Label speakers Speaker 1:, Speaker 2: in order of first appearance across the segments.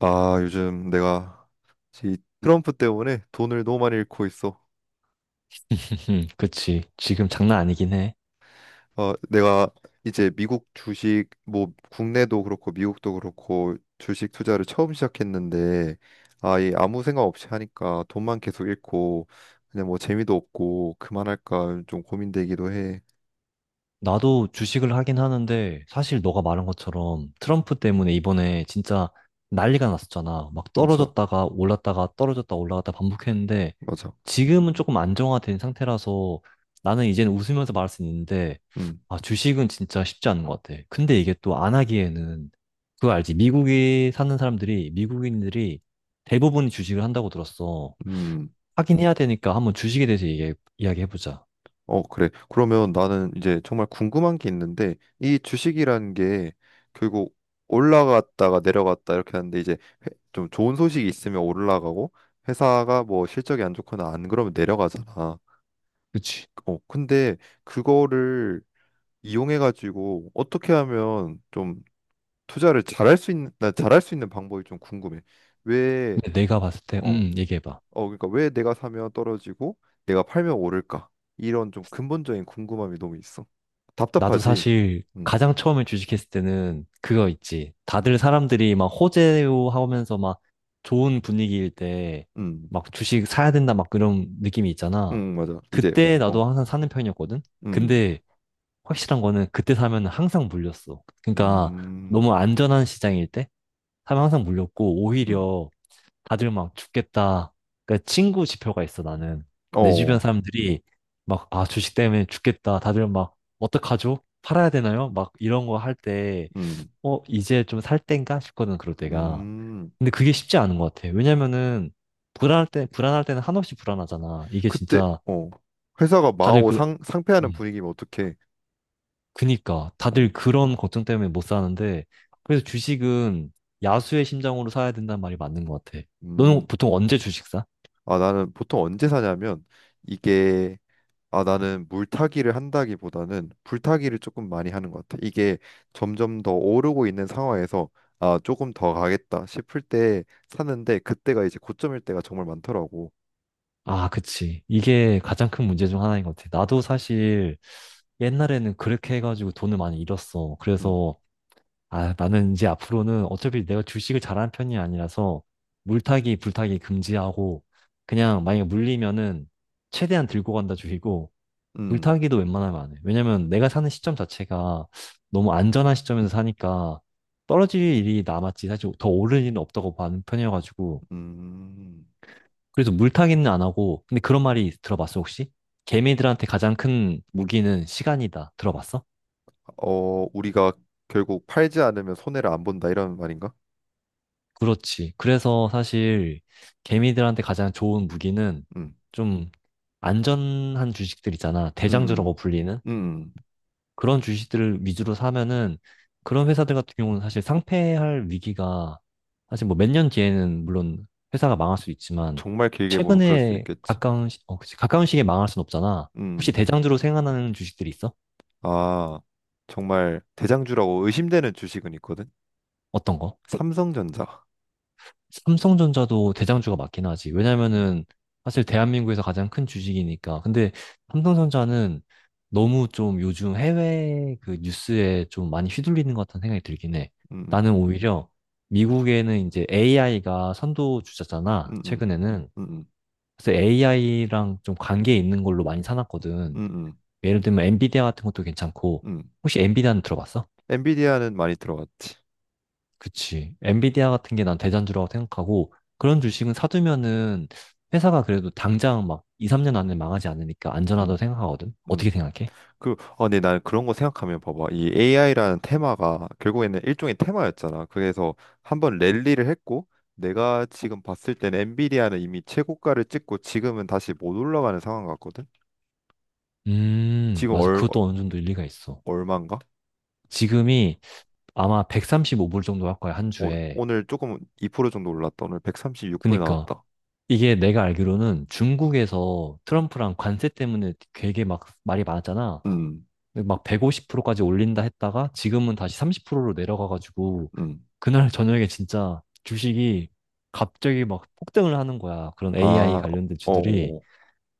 Speaker 1: 요즘 내가 이 트럼프 때문에 돈을 너무 많이 잃고 있어.
Speaker 2: 그치. 지금 장난 아니긴 해.
Speaker 1: 내가 이제 미국 주식, 뭐 국내도 그렇고 미국도 그렇고 주식 투자를 처음 시작했는데, 이 아무 생각 없이 하니까 돈만 계속 잃고 그냥 뭐 재미도 없고 그만할까 좀 고민되기도 해.
Speaker 2: 나도 주식을 하긴 하는데, 사실 너가 말한 것처럼 트럼프 때문에 이번에 진짜 난리가 났었잖아. 막
Speaker 1: 맞아,
Speaker 2: 떨어졌다가 올랐다가 떨어졌다 올라갔다 반복했는데,
Speaker 1: 맞아.
Speaker 2: 지금은 조금 안정화된 상태라서 나는 이제는 웃으면서 말할 수 있는데,
Speaker 1: 음,
Speaker 2: 아, 주식은 진짜 쉽지 않은 것 같아. 근데 이게 또 안 하기에는, 그거 알지? 미국에 사는 사람들이, 미국인들이 대부분이 주식을 한다고 들었어.
Speaker 1: 음.
Speaker 2: 하긴 해야 되니까 한번 주식에 대해서 이야기해보자.
Speaker 1: 어, 그래. 그러면 나는 이제 정말 궁금한 게 있는데, 이 주식이라는 게 결국 올라갔다가 내려갔다 이렇게 하는데, 이제 좀 좋은 소식이 있으면 올라가고, 회사가 뭐 실적이 안 좋거나 안 그러면 내려가잖아.
Speaker 2: 그치?
Speaker 1: 근데 그거를 이용해가지고 어떻게 하면 좀 투자를 잘할 수 있는, 나 잘할 수 있는 방법이 좀 궁금해. 왜,
Speaker 2: 근데 내가 봤을 때,
Speaker 1: 어
Speaker 2: 얘기해봐.
Speaker 1: 그러니까 왜 내가 사면 떨어지고 내가 팔면 오를까? 이런 좀 근본적인 궁금함이 너무 있어.
Speaker 2: 나도
Speaker 1: 답답하지?
Speaker 2: 사실
Speaker 1: 음,
Speaker 2: 가장 처음에 주식했을 때는 그거 있지. 다들 사람들이 막 호재요 하면서 막 좋은 분위기일 때
Speaker 1: 음,
Speaker 2: 막 주식 사야 된다 막 그런 느낌이 있잖아.
Speaker 1: 맞아.
Speaker 2: 그때
Speaker 1: 어,
Speaker 2: 나도 항상 사는 편이었거든?
Speaker 1: 음,
Speaker 2: 근데 확실한 거는 그때 사면 항상 물렸어. 그러니까
Speaker 1: 음,
Speaker 2: 너무 안전한 시장일 때 사면 항상 물렸고
Speaker 1: 음,
Speaker 2: 오히려 다들 막 죽겠다. 그러니까 친구 지표가 있어, 나는. 내 주변
Speaker 1: 어,
Speaker 2: 사람들이 막, 아, 주식 때문에 죽겠다. 다들 막, 어떡하죠? 팔아야 되나요? 막 이런 거 할 때,
Speaker 1: 음,
Speaker 2: 이제 좀 살 땐가 싶거든, 그럴 때가.
Speaker 1: 음.
Speaker 2: 근데 그게 쉽지 않은 것 같아. 왜냐면은, 불안할 때, 불안할 때는 한없이 불안하잖아. 이게
Speaker 1: 그때,
Speaker 2: 진짜,
Speaker 1: 어, 회사가
Speaker 2: 다들
Speaker 1: 망하고 상, 상패하는
Speaker 2: 음,
Speaker 1: 분위기면 어떡해?
Speaker 2: 그니까.
Speaker 1: 어,
Speaker 2: 다들 그런 걱정 때문에 못 사는데, 그래서 주식은 야수의 심정으로 사야 된다는 말이 맞는 것 같아.
Speaker 1: 음.
Speaker 2: 너는 보통 언제 주식 사?
Speaker 1: 아, 나는 보통 언제 사냐면 이게 아, 나는 물타기를 한다기보다는 불타기를 조금 많이 하는 것 같아. 이게 점점 더 오르고 있는 상황에서 조금 더 가겠다 싶을 때 사는데 그때가 이제 고점일 때가 정말 많더라고.
Speaker 2: 아, 그치. 이게 가장 큰 문제 중 하나인 것 같아. 나도 사실 옛날에는 그렇게 해가지고 돈을 많이 잃었어.
Speaker 1: 음,
Speaker 2: 그래서, 아, 나는 이제 앞으로는 어차피 내가 주식을 잘하는 편이 아니라서 물타기, 불타기 금지하고 그냥 만약에 물리면은 최대한 들고 간다 주의고
Speaker 1: 음,
Speaker 2: 물타기도 웬만하면 안 해. 왜냐면 내가 사는 시점 자체가 너무 안전한 시점에서 사니까 떨어질 일이 남았지. 사실 더 오를 일은 없다고 보는 편이어가지고
Speaker 1: 음.
Speaker 2: 그래서 물타기는 안 하고, 근데 그런 말이 들어봤어, 혹시? 개미들한테 가장 큰 무기는 시간이다. 들어봤어?
Speaker 1: 어, 우리가 결국 팔지 않으면 손해를 안 본다 이런 말인가?
Speaker 2: 그렇지. 그래서 사실 개미들한테 가장 좋은 무기는
Speaker 1: 음,
Speaker 2: 좀 안전한 주식들 있잖아. 대장주라고
Speaker 1: 음,
Speaker 2: 불리는
Speaker 1: 음.
Speaker 2: 그런 주식들을 위주로 사면은 그런 회사들 같은 경우는 사실 상폐할 위기가 사실 뭐 몇 년 뒤에는 물론 회사가 망할 수 있지만
Speaker 1: 정말 길게 보면 그럴 수
Speaker 2: 최근에
Speaker 1: 있겠지.
Speaker 2: 가까운 그치. 가까운 시기에 망할 순 없잖아. 혹시
Speaker 1: 음,
Speaker 2: 대장주로 생각나는 주식들이 있어?
Speaker 1: 아, 정말 대장주라고 의심되는 주식은 있거든.
Speaker 2: 어떤 거?
Speaker 1: 삼성전자.
Speaker 2: 삼성전자도 대장주가 맞긴 하지.
Speaker 1: 음.
Speaker 2: 왜냐면은 사실 대한민국에서 가장 큰 주식이니까. 근데 삼성전자는 너무 좀 요즘 해외 그 뉴스에 좀 많이 휘둘리는 것 같다는 생각이 들긴 해.
Speaker 1: 음.
Speaker 2: 나는 오히려 미국에는 이제 AI가 선도 주자잖아,
Speaker 1: 음, 음,
Speaker 2: 최근에는.
Speaker 1: 음,
Speaker 2: 그래서 AI랑 좀 관계 있는 걸로 많이 사놨거든.
Speaker 1: 음, 음,
Speaker 2: 예를 들면 엔비디아 같은 것도 괜찮고.
Speaker 1: 음,
Speaker 2: 혹시 엔비디아는 들어봤어?
Speaker 1: 엔비디아는 많이 들어갔지.
Speaker 2: 그치. 엔비디아 같은 게 난 대장주라고 생각하고 그런 주식은 사두면은 회사가 그래도 당장 막 2, 3년 안에 망하지 않으니까 안전하다고
Speaker 1: 음,
Speaker 2: 생각하거든.
Speaker 1: 음.
Speaker 2: 어떻게 생각해?
Speaker 1: 그, 근데 난 그런 거 생각하면 봐봐. 이 AI라는 테마가 결국에는 일종의 테마였잖아. 그래서 한번 랠리를 했고, 내가 지금 봤을 때는 엔비디아는 이미 최고가를 찍고 지금은 다시 못 올라가는 상황 같거든. 지금
Speaker 2: 맞아. 그것도 어느 정도 일리가 있어.
Speaker 1: 얼마인가?
Speaker 2: 지금이 아마 135불 정도 할 거야, 한
Speaker 1: 어,
Speaker 2: 주에.
Speaker 1: 오늘 조금 2% 정도 올랐다. 오늘 136불
Speaker 2: 그니까
Speaker 1: 나왔다.
Speaker 2: 이게 내가 알기로는 중국에서 트럼프랑 관세 때문에 되게 막 말이 많았잖아.
Speaker 1: 음,
Speaker 2: 근데 막 150%까지 올린다 했다가 지금은 다시 30%로 내려가가지고
Speaker 1: 음.
Speaker 2: 그날 저녁에 진짜 주식이 갑자기 막 폭등을 하는 거야. 그런 AI
Speaker 1: 아,
Speaker 2: 관련된 주들이.
Speaker 1: 어.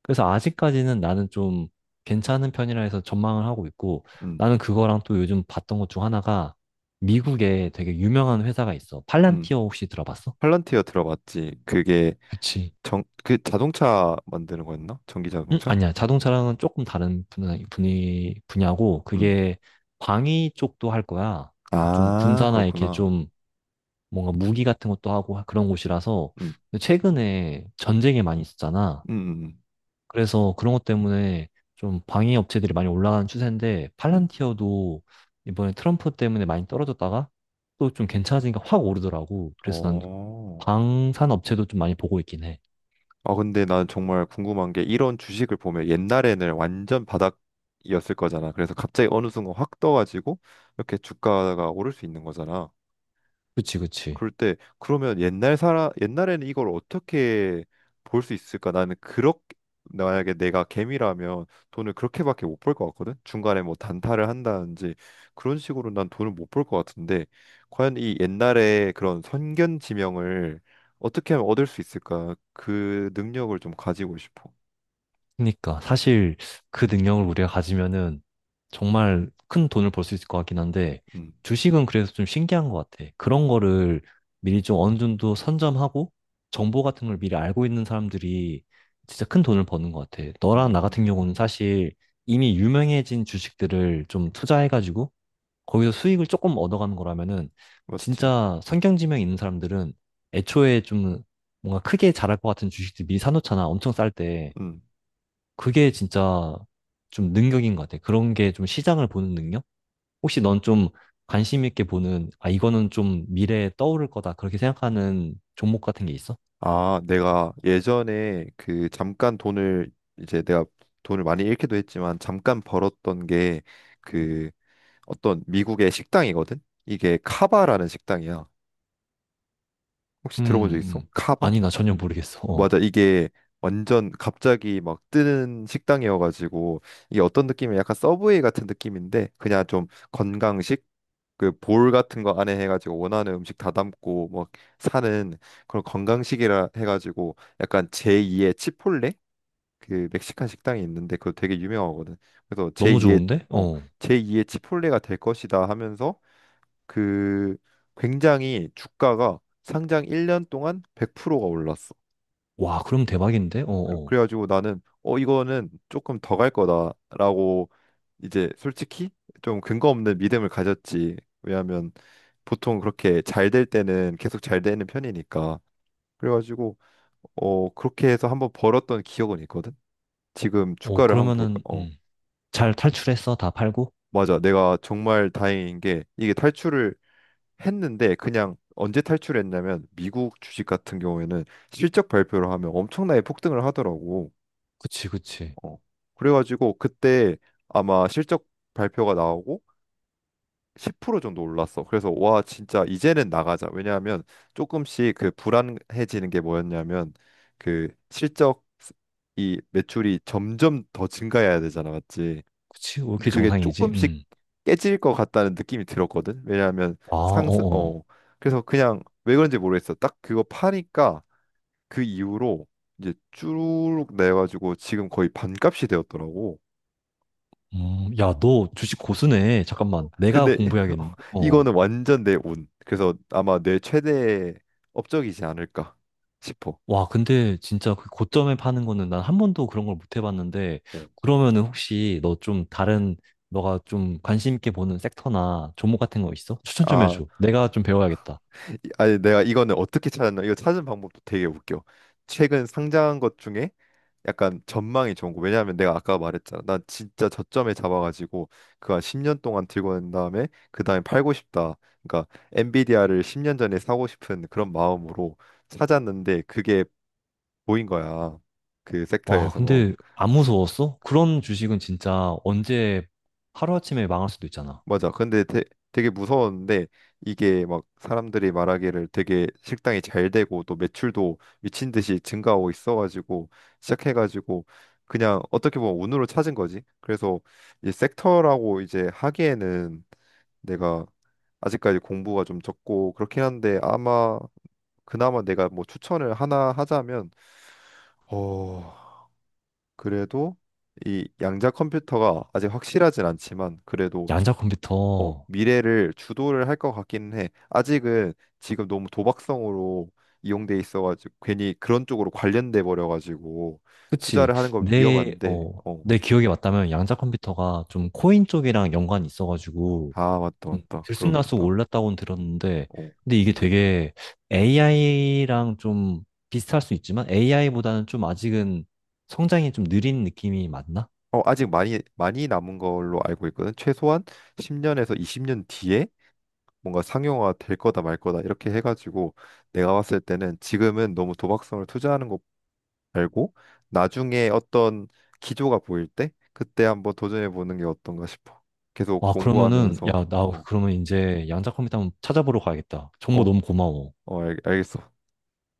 Speaker 2: 그래서 아직까지는 나는 좀 괜찮은 편이라 해서 전망을 하고 있고,
Speaker 1: 음,
Speaker 2: 나는 그거랑 또 요즘 봤던 것 중 하나가 미국에 되게 유명한 회사가 있어.
Speaker 1: 음.
Speaker 2: 팔란티어 혹시 들어봤어?
Speaker 1: 팔런티어 들어봤지. 그게
Speaker 2: 그치.
Speaker 1: 정, 그 자동차 만드는 거였나? 전기 자동차?
Speaker 2: 아니야. 자동차랑은 조금 다른 분야고,
Speaker 1: 음.
Speaker 2: 그게 방위 쪽도 할 거야. 좀
Speaker 1: 아,
Speaker 2: 군사나 이렇게
Speaker 1: 그렇구나.
Speaker 2: 좀 뭔가 무기 같은 것도 하고 그런 곳이라서
Speaker 1: 음.
Speaker 2: 근데 최근에 전쟁이 많이 있었잖아.
Speaker 1: 음. 음.
Speaker 2: 그래서 그런 것 때문에 좀 방해 업체들이 많이 올라가는 추세인데
Speaker 1: 음.
Speaker 2: 팔란티어도 이번에 트럼프 때문에 많이 떨어졌다가 또 좀 괜찮아지니까 확 오르더라고. 그래서 난
Speaker 1: 어.
Speaker 2: 방산 업체도 좀 많이 보고 있긴 해.
Speaker 1: 아, 근데 난 정말 궁금한 게 이런 주식을 보면 옛날에는 완전 바닥이었을 거잖아. 그래서 갑자기 어느 순간 확 떠가지고 이렇게 주가가 오를 수 있는 거잖아.
Speaker 2: 그치, 그치.
Speaker 1: 그럴 때 그러면 옛날 사람 옛날에는 이걸 어떻게 볼 수 있을까? 나는 그렇게 만약에 내가 개미라면 돈을 그렇게밖에 못 벌 것 같거든. 중간에 뭐 단타를 한다든지 그런 식으로 난 돈을 못 벌 것 같은데 과연 이 옛날에 그런 선견 지명을 어떻게 하면 얻을 수 있을까? 그 능력을 좀 가지고 싶어.
Speaker 2: 그러니까 사실 그 능력을 우리가 가지면은 정말 큰 돈을 벌 수 있을 것 같긴 한데
Speaker 1: 음,
Speaker 2: 주식은 그래서 좀 신기한 것 같아. 그런 거를 미리 좀 어느 정도 선점하고 정보 같은 걸 미리 알고 있는 사람들이 진짜 큰 돈을 버는 것 같아. 너랑 나
Speaker 1: 음,
Speaker 2: 같은 경우는 사실 이미 유명해진 주식들을 좀 투자해가지고 거기서 수익을 조금 얻어가는 거라면은
Speaker 1: 맞지.
Speaker 2: 진짜 선경지명 있는 사람들은 애초에 좀 뭔가 크게 자랄 것 같은 주식들 미리 사놓잖아. 엄청 쌀 때.
Speaker 1: 음.
Speaker 2: 그게 진짜 좀 능력인 것 같아. 그런 게 좀 시장을 보는 능력? 혹시 넌 좀 관심 있게 보는, 아, 이거는 좀 미래에 떠오를 거다. 그렇게 생각하는 종목 같은 게 있어?
Speaker 1: 아, 내가 예전에 그 잠깐 돈을 이제 내가 돈을 많이 잃기도 했지만 잠깐 벌었던 게 그 어떤 미국의 식당이거든? 이게 카바라는 식당이야. 혹시 들어본 적
Speaker 2: 음,
Speaker 1: 있어?
Speaker 2: 음.
Speaker 1: 카바?
Speaker 2: 아니, 나 전혀 모르겠어. 어.
Speaker 1: 맞아. 이게 완전 갑자기 막 뜨는 식당이어가지고 이게 어떤 느낌이야? 약간 서브웨이 같은 느낌인데 그냥 좀 건강식 그 볼 같은 거 안에 해가지고 원하는 음식 다 담고 막 사는 그런 건강식이라 해가지고 약간 제2의 치폴레 그 멕시칸 식당이 있는데 그거 되게 유명하거든. 그래서
Speaker 2: 너무
Speaker 1: 제2의
Speaker 2: 좋은데?
Speaker 1: 어
Speaker 2: 어.
Speaker 1: 제2의 치폴레가 될 것이다 하면서 그 굉장히 주가가 상장 1년 동안 100%가 올랐어.
Speaker 2: 와, 그럼 대박인데? 어, 어.
Speaker 1: 그래가지고 나는 이거는 조금 더 갈 거다라고 이제 솔직히 좀 근거 없는 믿음을 가졌지. 왜냐하면 보통 그렇게 잘 될 때는 계속 잘 되는 편이니까. 그래가지고 그렇게 해서 한번 벌었던 기억은 있거든. 지금
Speaker 2: 어,
Speaker 1: 주가를 한번 볼까?
Speaker 2: 그러면은, 잘 탈출했어? 다 팔고?
Speaker 1: 맞아. 내가 정말 다행인 게 이게 탈출을 했는데 그냥 언제 탈출했냐면 미국 주식 같은 경우에는 실적 발표를 하면 엄청나게 폭등을 하더라고.
Speaker 2: 그치, 그치.
Speaker 1: 어. 그래가지고 그때 아마 실적 발표가 나오고 10% 정도 올랐어. 그래서 와 진짜 이제는 나가자. 왜냐하면 조금씩 그 불안해지는 게 뭐였냐면 그 실적 이 매출이 점점 더 증가해야 되잖아, 맞지?
Speaker 2: 그치? 왜 이렇게
Speaker 1: 근데 그게
Speaker 2: 정상이지?
Speaker 1: 조금씩
Speaker 2: 음.
Speaker 1: 깨질 것 같다는 느낌이 들었거든. 왜냐하면
Speaker 2: 아,
Speaker 1: 상승
Speaker 2: 어, 어.
Speaker 1: 그래서 그냥 왜 그런지 모르겠어. 딱 그거 파니까 그 이후로 이제 쭉 내가지고 지금 거의 반값이 되었더라고.
Speaker 2: 야, 너 주식 고수네. 잠깐만. 내가
Speaker 1: 근데
Speaker 2: 공부해야겠는데. 어.
Speaker 1: 이거는 완전 내 운. 그래서 아마 내 최대 업적이지 않을까 싶어.
Speaker 2: 와, 근데 진짜 그 고점에 파는 거는 난 한 번도 그런 걸 못 해봤는데,
Speaker 1: 어,
Speaker 2: 그러면은 혹시 너가 좀 관심 있게 보는 섹터나 종목 같은 거 있어? 추천 좀
Speaker 1: 아,
Speaker 2: 해줘. 내가 좀 배워야겠다.
Speaker 1: 아니 내가 이거는 어떻게 찾았나? 이거 찾은 방법도 되게 웃겨. 최근 상장한 것 중에 약간 전망이 좋은 거. 왜냐하면 내가 아까 말했잖아. 나 진짜 저점에 잡아가지고 그 한 10년 동안 들고 난 다음에 그 다음에 팔고 싶다. 그러니까 엔비디아를 10년 전에 사고 싶은 그런 마음으로 찾았는데 그게 보인 거야. 그
Speaker 2: 와, 근데
Speaker 1: 섹터에서.
Speaker 2: 안 무서웠어? 그런 주식은 진짜 언제 하루아침에 망할 수도 있잖아.
Speaker 1: 맞아. 되게 무서웠는데 이게 막 사람들이 말하기를 되게 식당이 잘 되고 또 매출도 미친 듯이 증가하고 있어가지고 시작해가지고 그냥 어떻게 보면 운으로 찾은 거지. 그래서 이 섹터라고 이제 하기에는 내가 아직까지 공부가 좀 적고 그렇긴 한데 아마 그나마 내가 뭐 추천을 하나 하자면 어 그래도 이 양자 컴퓨터가 아직 확실하진 않지만 그래도
Speaker 2: 양자
Speaker 1: 어,
Speaker 2: 컴퓨터.
Speaker 1: 미래를 주도를 할 것 같기는 해. 아직은 지금 너무 도박성으로 이용돼 있어가지고 괜히 그런 쪽으로 관련돼 버려가지고
Speaker 2: 그치.
Speaker 1: 투자를 하는 건
Speaker 2: 내,
Speaker 1: 위험한데,
Speaker 2: 어,
Speaker 1: 어,
Speaker 2: 내 기억에 맞다면 양자 컴퓨터가 좀 코인 쪽이랑 연관이 있어가지고,
Speaker 1: 아 맞다 맞다
Speaker 2: 들쑥날쑥
Speaker 1: 그러겠다.
Speaker 2: 올랐다고는 들었는데,
Speaker 1: 어,
Speaker 2: 근데 이게 되게 AI랑 좀 비슷할 수 있지만 AI보다는 좀 아직은 성장이 좀 느린 느낌이 맞나?
Speaker 1: 아직 많이 남은 걸로 알고 있거든. 최소한 10년에서 20년 뒤에 뭔가 상용화 될 거다 말 거다 이렇게 해가지고 내가 봤을 때는 지금은 너무 도박성을 투자하는 알고 나중에 어떤 기조가 보일 때 그때 한번 도전해 보는 게 어떤가 싶어. 계속
Speaker 2: 와, 그러면은,
Speaker 1: 공부하면서
Speaker 2: 야, 나
Speaker 1: 어,
Speaker 2: 그러면 이제 양자 컴퓨터 한번 찾아보러 가야겠다. 정보
Speaker 1: 어,
Speaker 2: 너무 고마워.
Speaker 1: 어, 겠어.